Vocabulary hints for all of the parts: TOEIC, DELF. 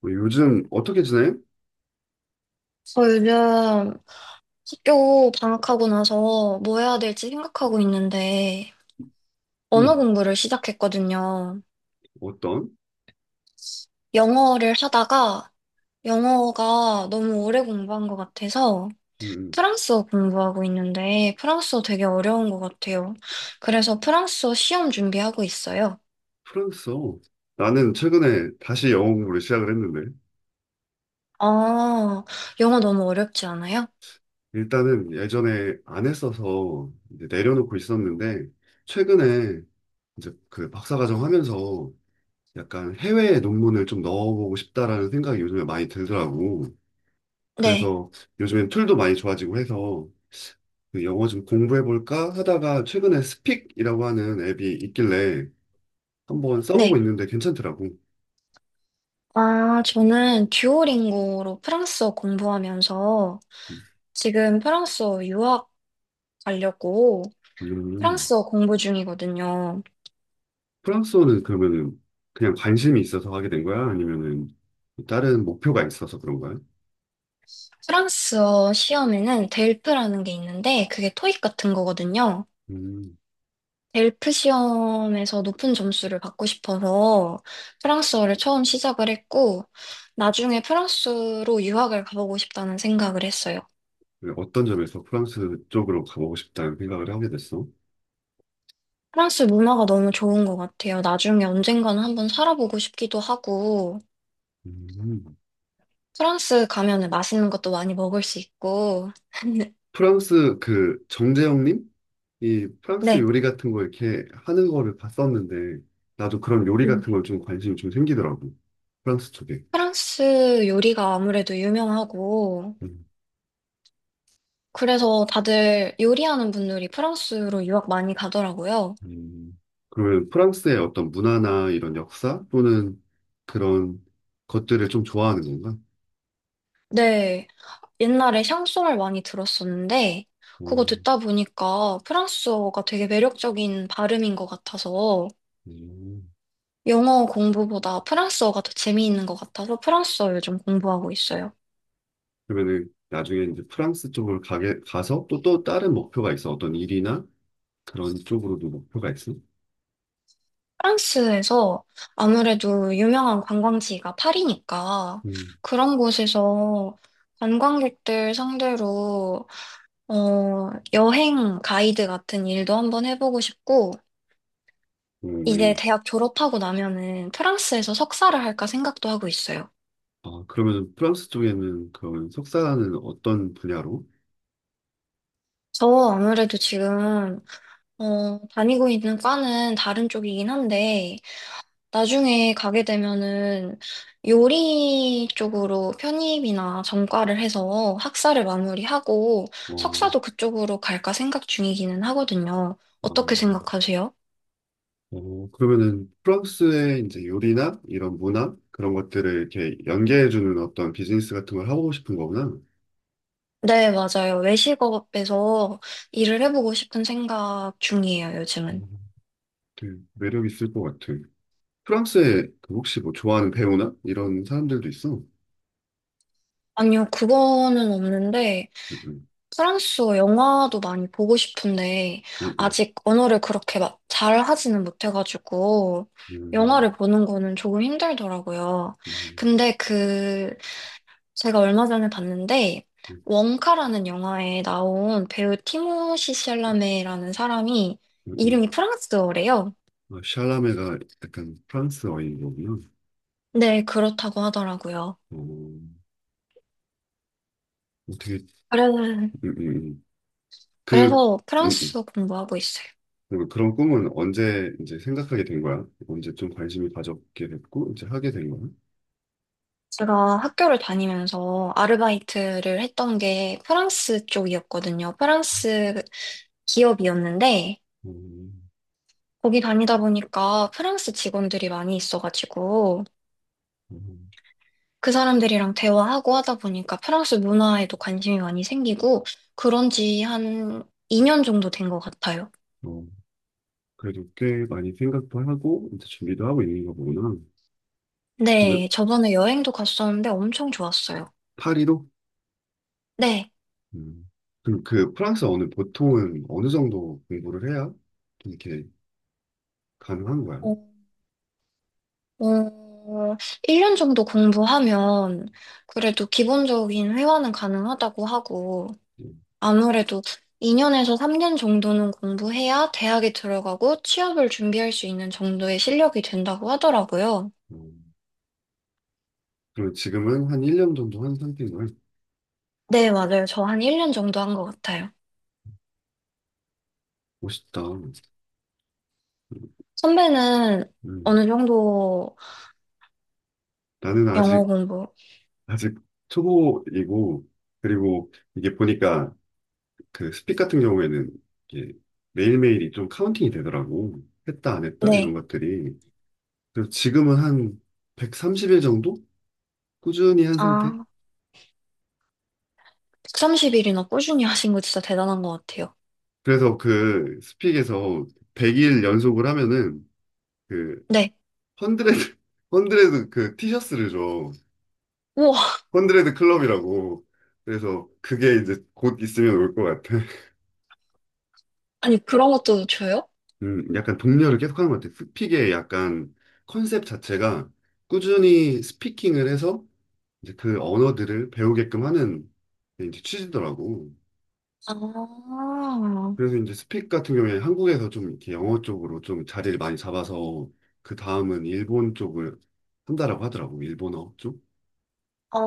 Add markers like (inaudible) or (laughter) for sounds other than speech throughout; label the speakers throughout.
Speaker 1: 뭐 요즘 어떻게 지내?
Speaker 2: 저 요즘 학교 방학하고 나서 뭐 해야 될지 생각하고 있는데, 언어
Speaker 1: 음,
Speaker 2: 공부를 시작했거든요.
Speaker 1: 어떤?
Speaker 2: 영어를 하다가 영어가 너무 오래 공부한 것 같아서
Speaker 1: 음, 음.
Speaker 2: 프랑스어 공부하고 있는데, 프랑스어 되게 어려운 것 같아요. 그래서 프랑스어 시험 준비하고 있어요.
Speaker 1: 프랑스어. 나는 최근에 다시 영어 공부를 시작을 했는데,
Speaker 2: 아, 영어 너무 어렵지 않아요?
Speaker 1: 일단은 예전에 안 했어서 이제 내려놓고 있었는데, 최근에 이제 그 박사과정 하면서 약간 해외 논문을 좀 넣어보고 싶다라는 생각이 요즘에 많이 들더라고.
Speaker 2: 네,
Speaker 1: 그래서 요즘엔 툴도 많이 좋아지고 해서 그 영어 좀 공부해볼까 하다가 최근에 스픽이라고 하는 앱이 있길래 한번 써보고
Speaker 2: 네.
Speaker 1: 있는데 괜찮더라고.
Speaker 2: 아, 저는 듀오링고로 프랑스어 공부하면서 지금 프랑스어 유학 가려고
Speaker 1: 음.
Speaker 2: 프랑스어 공부 중이거든요.
Speaker 1: 프랑스어는 그러면은 그냥 관심이 있어서 하게 된 거야? 아니면은 다른 목표가 있어서 그런 거야?
Speaker 2: 프랑스어 시험에는 델프라는 게 있는데 그게 토익 같은 거거든요.
Speaker 1: 음,
Speaker 2: 델프 시험에서 높은 점수를 받고 싶어서 프랑스어를 처음 시작을 했고 나중에 프랑스로 유학을 가보고 싶다는 생각을 했어요.
Speaker 1: 어떤 점에서 프랑스 쪽으로 가보고 싶다는 생각을 하게 됐어?
Speaker 2: 프랑스 문화가 너무 좋은 것 같아요. 나중에 언젠가는 한번 살아보고 싶기도 하고
Speaker 1: 음.
Speaker 2: 프랑스 가면은 맛있는 것도 많이 먹을 수 있고 (laughs)
Speaker 1: 프랑스 그 정재영님? 이 프랑스
Speaker 2: 네.
Speaker 1: 요리 같은 거 이렇게 하는 거를 봤었는데 나도 그런 요리 같은 걸 좀 관심이 좀 생기더라고. 프랑스 쪽에.
Speaker 2: 프랑스 요리가 아무래도 유명하고,
Speaker 1: 음.
Speaker 2: 그래서 다들 요리하는 분들이 프랑스로 유학 많이 가더라고요.
Speaker 1: 음. 그러면 프랑스의 어떤 문화나 이런 역사 또는 그런 것들을 좀 좋아하는 건가?
Speaker 2: 네, 옛날에 샹송을 많이 들었었는데, 그거 듣다 보니까 프랑스어가 되게 매력적인 발음인 것 같아서,
Speaker 1: 음.
Speaker 2: 영어 공부보다 프랑스어가 더 재미있는 것 같아서 프랑스어 요즘 공부하고 있어요.
Speaker 1: 그러면은 나중에 이제 프랑스 쪽으로 가게 가서 또 다른 목표가 있어. 어떤 일이나 그런 쪽으로도 목표가 있어.
Speaker 2: 프랑스에서 아무래도 유명한 관광지가 파리니까
Speaker 1: 음.
Speaker 2: 그런 곳에서 관광객들 상대로 여행 가이드 같은 일도 한번 해보고 싶고, 이제
Speaker 1: 음.
Speaker 2: 대학 졸업하고 나면은 프랑스에서 석사를 할까 생각도 하고 있어요.
Speaker 1: 아, 그러면 프랑스 쪽에는 그런 석사는 어떤 분야로?
Speaker 2: 저 아무래도 지금, 다니고 있는 과는 다른 쪽이긴 한데, 나중에 가게 되면은 요리 쪽으로 편입이나 전과를 해서 학사를 마무리하고
Speaker 1: 어,
Speaker 2: 석사도 그쪽으로 갈까 생각 중이기는 하거든요.
Speaker 1: 어,
Speaker 2: 어떻게 생각하세요?
Speaker 1: 그러면은 프랑스의 이제 요리나 이런 문화 그런 것들을 이렇게 연계해주는 어떤 비즈니스 같은 걸 하고 싶은 거구나.
Speaker 2: 네, 맞아요. 외식업에서 일을 해보고 싶은 생각 중이에요, 요즘은.
Speaker 1: 음, 되게 매력 있을 것 같아. 프랑스에 그 혹시 뭐 좋아하는 배우나 이런 사람들도 있어? 응.
Speaker 2: 아니요, 그거는 없는데, 프랑스어 영화도 많이 보고 싶은데,
Speaker 1: 응, 응,
Speaker 2: 아직 언어를 그렇게 막 잘 하지는 못해가지고,
Speaker 1: 음,
Speaker 2: 영화를 보는 거는 조금 힘들더라고요.
Speaker 1: 음,
Speaker 2: 근데 그, 제가 얼마 전에 봤는데,
Speaker 1: 음,
Speaker 2: 원카라는 영화에 나온 배우 티모시 샬라메라는 사람이
Speaker 1: 음, 음.
Speaker 2: 이름이 프랑스어래요.
Speaker 1: 아, 샬라메가 약간 프랑스어인 거군요.
Speaker 2: 네, 그렇다고 하더라고요.
Speaker 1: 어, 어떻게,
Speaker 2: 그래서,
Speaker 1: 음, 음. 그,
Speaker 2: 그래서
Speaker 1: 음, 음.
Speaker 2: 프랑스어 공부하고 있어요.
Speaker 1: 그리고 그런 꿈은 언제 이제 생각하게 된 거야? 언제 좀 관심이 가졌게 됐고, 이제 하게 된 거야?
Speaker 2: 제가 학교를 다니면서 아르바이트를 했던 게 프랑스 쪽이었거든요. 프랑스 기업이었는데,
Speaker 1: 음,
Speaker 2: 거기 다니다 보니까 프랑스 직원들이 많이 있어가지고,
Speaker 1: 음,
Speaker 2: 그 사람들이랑 대화하고 하다 보니까 프랑스 문화에도 관심이 많이 생기고, 그런 지 한 2년 정도 된 것 같아요.
Speaker 1: 어, 그래도 꽤 많이 생각도 하고, 이제 준비도 하고 있는 거구나. 그,
Speaker 2: 네, 저번에 여행도 갔었는데 엄청 좋았어요.
Speaker 1: 파리로?
Speaker 2: 네.
Speaker 1: 음. 그럼 그 프랑스어는 보통은 어느 정도 공부를 해야 좀 이렇게 가능한 거야?
Speaker 2: 어, 어, 1년 정도 공부하면 그래도 기본적인 회화는 가능하다고 하고
Speaker 1: 음.
Speaker 2: 아무래도 2년에서 3년 정도는 공부해야 대학에 들어가고 취업을 준비할 수 있는 정도의 실력이 된다고 하더라고요.
Speaker 1: 어. 그리고 지금은 한 1년 정도 한 상태인걸?
Speaker 2: 네, 맞아요. 저 한 1년 정도 한 것 같아요.
Speaker 1: 멋있다.
Speaker 2: 선배는
Speaker 1: 음.
Speaker 2: 어느 정도
Speaker 1: 나는
Speaker 2: 영어
Speaker 1: 아직,
Speaker 2: 공부?
Speaker 1: 아직 초보이고, 그리고 이게 보니까 그 스픽 같은 경우에는 이게 매일매일이 좀 카운팅이 되더라고. 했다, 안 했다? 이런
Speaker 2: 네.
Speaker 1: 것들이. 그래서 지금은 한 130일 정도? 꾸준히 한 상태?
Speaker 2: 아, 130일이나 꾸준히 하신 거 진짜 대단한 것 같아요.
Speaker 1: 그래서 그 스픽에서 100일 연속을 하면은 그
Speaker 2: 네.
Speaker 1: 헌드레드, (laughs) 헌드레드 그 티셔츠를 줘.
Speaker 2: 우와,
Speaker 1: 헌드레드 클럽이라고. 그래서 그게 이제 곧 있으면 올 것 같아. (laughs)
Speaker 2: 아니 그런 것도 줘요?
Speaker 1: 약간 독려를 계속하는 것 같아. 스픽의 약간 컨셉 자체가 꾸준히 스피킹을 해서 이제 그 언어들을 배우게끔 하는 게 이제 취지더라고.
Speaker 2: 아.
Speaker 1: 그래서 이제 스픽 같은 경우에 한국에서 좀 이렇게 영어 쪽으로 좀 자리를 많이 잡아서 그 다음은 일본 쪽을 한다라고 하더라고. 일본어 쪽.
Speaker 2: 어,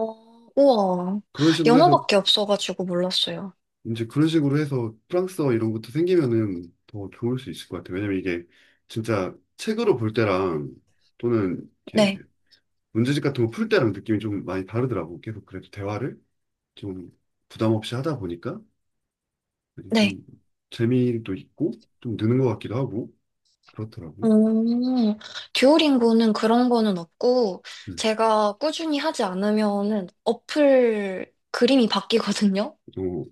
Speaker 2: 우와.
Speaker 1: 그런 식으로 해서
Speaker 2: 영어밖에 없어가지고 몰랐어요.
Speaker 1: 이제 그런 식으로 해서 프랑스어 이런 것도 생기면은 더 좋을 수 있을 것 같아요. 왜냐면 이게 진짜 책으로 볼 때랑 또는 이렇게
Speaker 2: 네,
Speaker 1: 문제집 같은 거 풀 때랑 느낌이 좀 많이 다르더라고. 계속 그래도 대화를 좀 부담 없이 하다 보니까
Speaker 2: 네.
Speaker 1: 좀 재미도 있고 좀 느는 것 같기도 하고 그렇더라고.
Speaker 2: 음, 듀오링고는 그런 거는 없고,
Speaker 1: 음.
Speaker 2: 제가 꾸준히 하지 않으면은 어플 그림이 바뀌거든요?
Speaker 1: 어,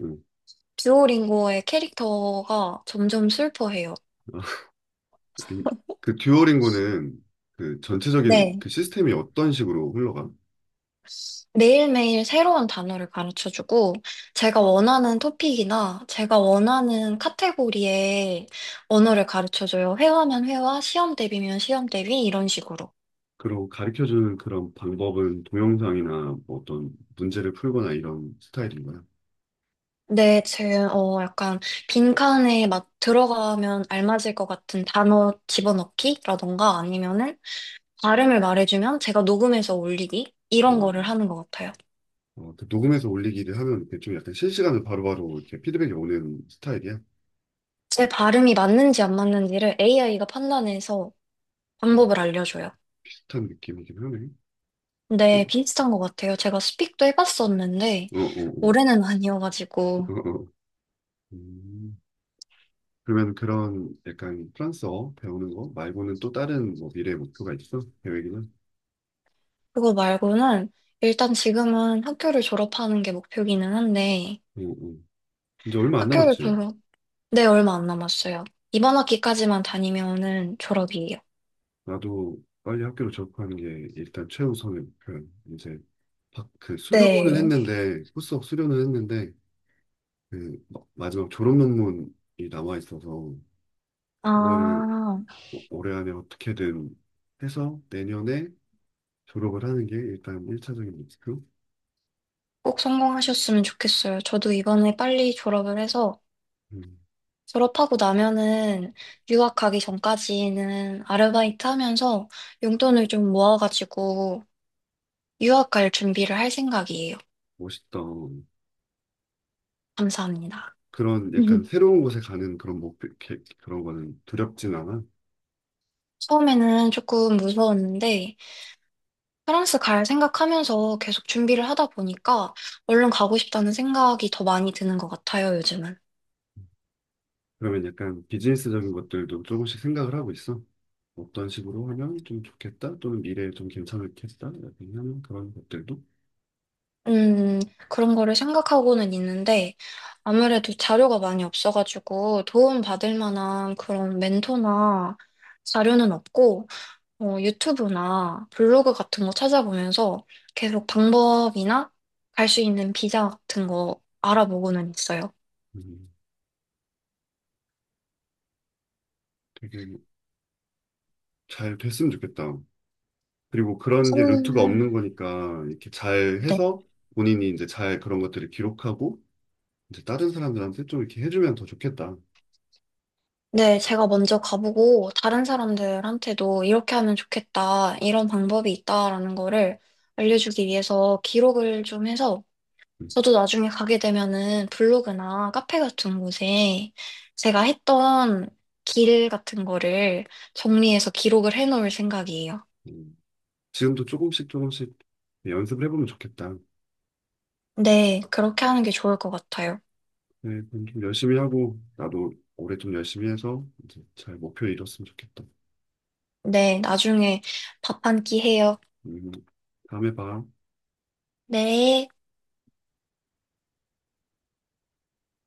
Speaker 2: 듀오링고의 캐릭터가 점점 슬퍼해요.
Speaker 1: 어. (laughs) 그 듀오링고는 그 전체적인
Speaker 2: 네.
Speaker 1: 그 시스템이 어떤 식으로 흘러가?
Speaker 2: 매일매일 새로운 단어를 가르쳐주고, 제가 원하는 토픽이나 제가 원하는 카테고리의 언어를 가르쳐줘요. 회화면 회화, 시험 대비면 시험 대비, 이런 식으로.
Speaker 1: 그리고 가르쳐줄 그런 방법은 동영상이나 뭐 어떤 문제를 풀거나 이런 스타일인가요?
Speaker 2: 네, 제, 어, 약간, 빈칸에 막 들어가면 알맞을 것 같은 단어 집어넣기라던가 아니면은 발음을 말해주면 제가 녹음해서 올리기?
Speaker 1: 아,
Speaker 2: 이런 거를 하는 것 같아요.
Speaker 1: 어, 그 녹음해서 올리기를 하면 이렇게 좀 약간 실시간으로 바로바로 이렇게 피드백이 오는 스타일이야?
Speaker 2: 제 발음이 맞는지 안 맞는지를 AI가 판단해서
Speaker 1: 음,
Speaker 2: 방법을 알려줘요.
Speaker 1: 비슷한 느낌이긴 하네. 어,
Speaker 2: 근데 비슷한 것 같아요. 제가 스픽도 해봤었는데,
Speaker 1: 어, 어, 어,
Speaker 2: 올해는
Speaker 1: (laughs)
Speaker 2: 아니어가지고,
Speaker 1: 어. 음, 그러면 그런 약간 프랑스어 배우는 거 말고는 또 다른 뭐 미래 목표가 있어? 계획이나?
Speaker 2: 그거 말고는 일단 지금은 학교를 졸업하는 게 목표기는 한데,
Speaker 1: 응, 응. 이제 얼마 안
Speaker 2: 학교를
Speaker 1: 남았지.
Speaker 2: 졸업, 네, 얼마 안 남았어요. 이번 학기까지만 다니면은 졸업이에요.
Speaker 1: 나도 빨리 학교를 졸업하는 게 일단 최우선의 목표야. 이제 그 수료는
Speaker 2: 네.
Speaker 1: 했는데 후속 수료는 했는데 그 마지막 졸업 논문이 남아 있어서 그거를
Speaker 2: 아,
Speaker 1: 올해 안에 어떻게든 해서 내년에 졸업을 하는 게 일단 1차적인 목표.
Speaker 2: 꼭 성공하셨으면 좋겠어요. 저도 이번에 빨리 졸업을 해서
Speaker 1: 음,
Speaker 2: 졸업하고 나면은 유학 가기 전까지는 아르바이트 하면서 용돈을 좀 모아가지고 유학 갈 준비를 할 생각이에요.
Speaker 1: 멋있다.
Speaker 2: 감사합니다.
Speaker 1: 그런 약간
Speaker 2: (laughs)
Speaker 1: 새로운 곳에 가는 그런 목표 그런 거는 두렵진 않아.
Speaker 2: 처음에는 조금 무서웠는데 프랑스 갈 생각하면서 계속 준비를 하다 보니까 얼른 가고 싶다는 생각이 더 많이 드는 것 같아요, 요즘은.
Speaker 1: 그러면 약간 비즈니스적인 것들도 조금씩 생각을 하고 있어. 어떤 식으로 하면 좀 좋겠다 또는 미래에 좀 괜찮겠다 약간 하는 그런 것들도
Speaker 2: 음, 그런 거를 생각하고는 있는데, 아무래도 자료가 많이 없어가지고 도움 받을 만한 그런 멘토나 자료는 없고, 유튜브나 블로그 같은 거 찾아보면서 계속 방법이나 갈 수 있는 비자 같은 거 알아보고는 있어요.
Speaker 1: 음, 되게 잘 됐으면 좋겠다. 그리고 그런 게 루트가
Speaker 2: 음,
Speaker 1: 없는 거니까 이렇게 잘
Speaker 2: 네.
Speaker 1: 해서 본인이 이제 잘 그런 것들을 기록하고 이제 다른 사람들한테 좀 이렇게 해주면 더 좋겠다.
Speaker 2: 네, 제가 먼저 가보고 다른 사람들한테도 이렇게 하면 좋겠다, 이런 방법이 있다라는 거를 알려주기 위해서 기록을 좀 해서
Speaker 1: 음,
Speaker 2: 저도 나중에 가게 되면은 블로그나 카페 같은 곳에 제가 했던 길 같은 거를 정리해서 기록을 해놓을 생각이에요.
Speaker 1: 음. 지금도 조금씩 조금씩 연습을 해보면 좋겠다.
Speaker 2: 네, 그렇게 하는 게 좋을 것 같아요.
Speaker 1: 네, 그럼 좀 열심히 하고 나도 올해 좀 열심히 해서 이제 잘 목표 이뤘으면 좋겠다.
Speaker 2: 네, 나중에 밥 한 끼 해요.
Speaker 1: 음, 다음에 봐.
Speaker 2: 네.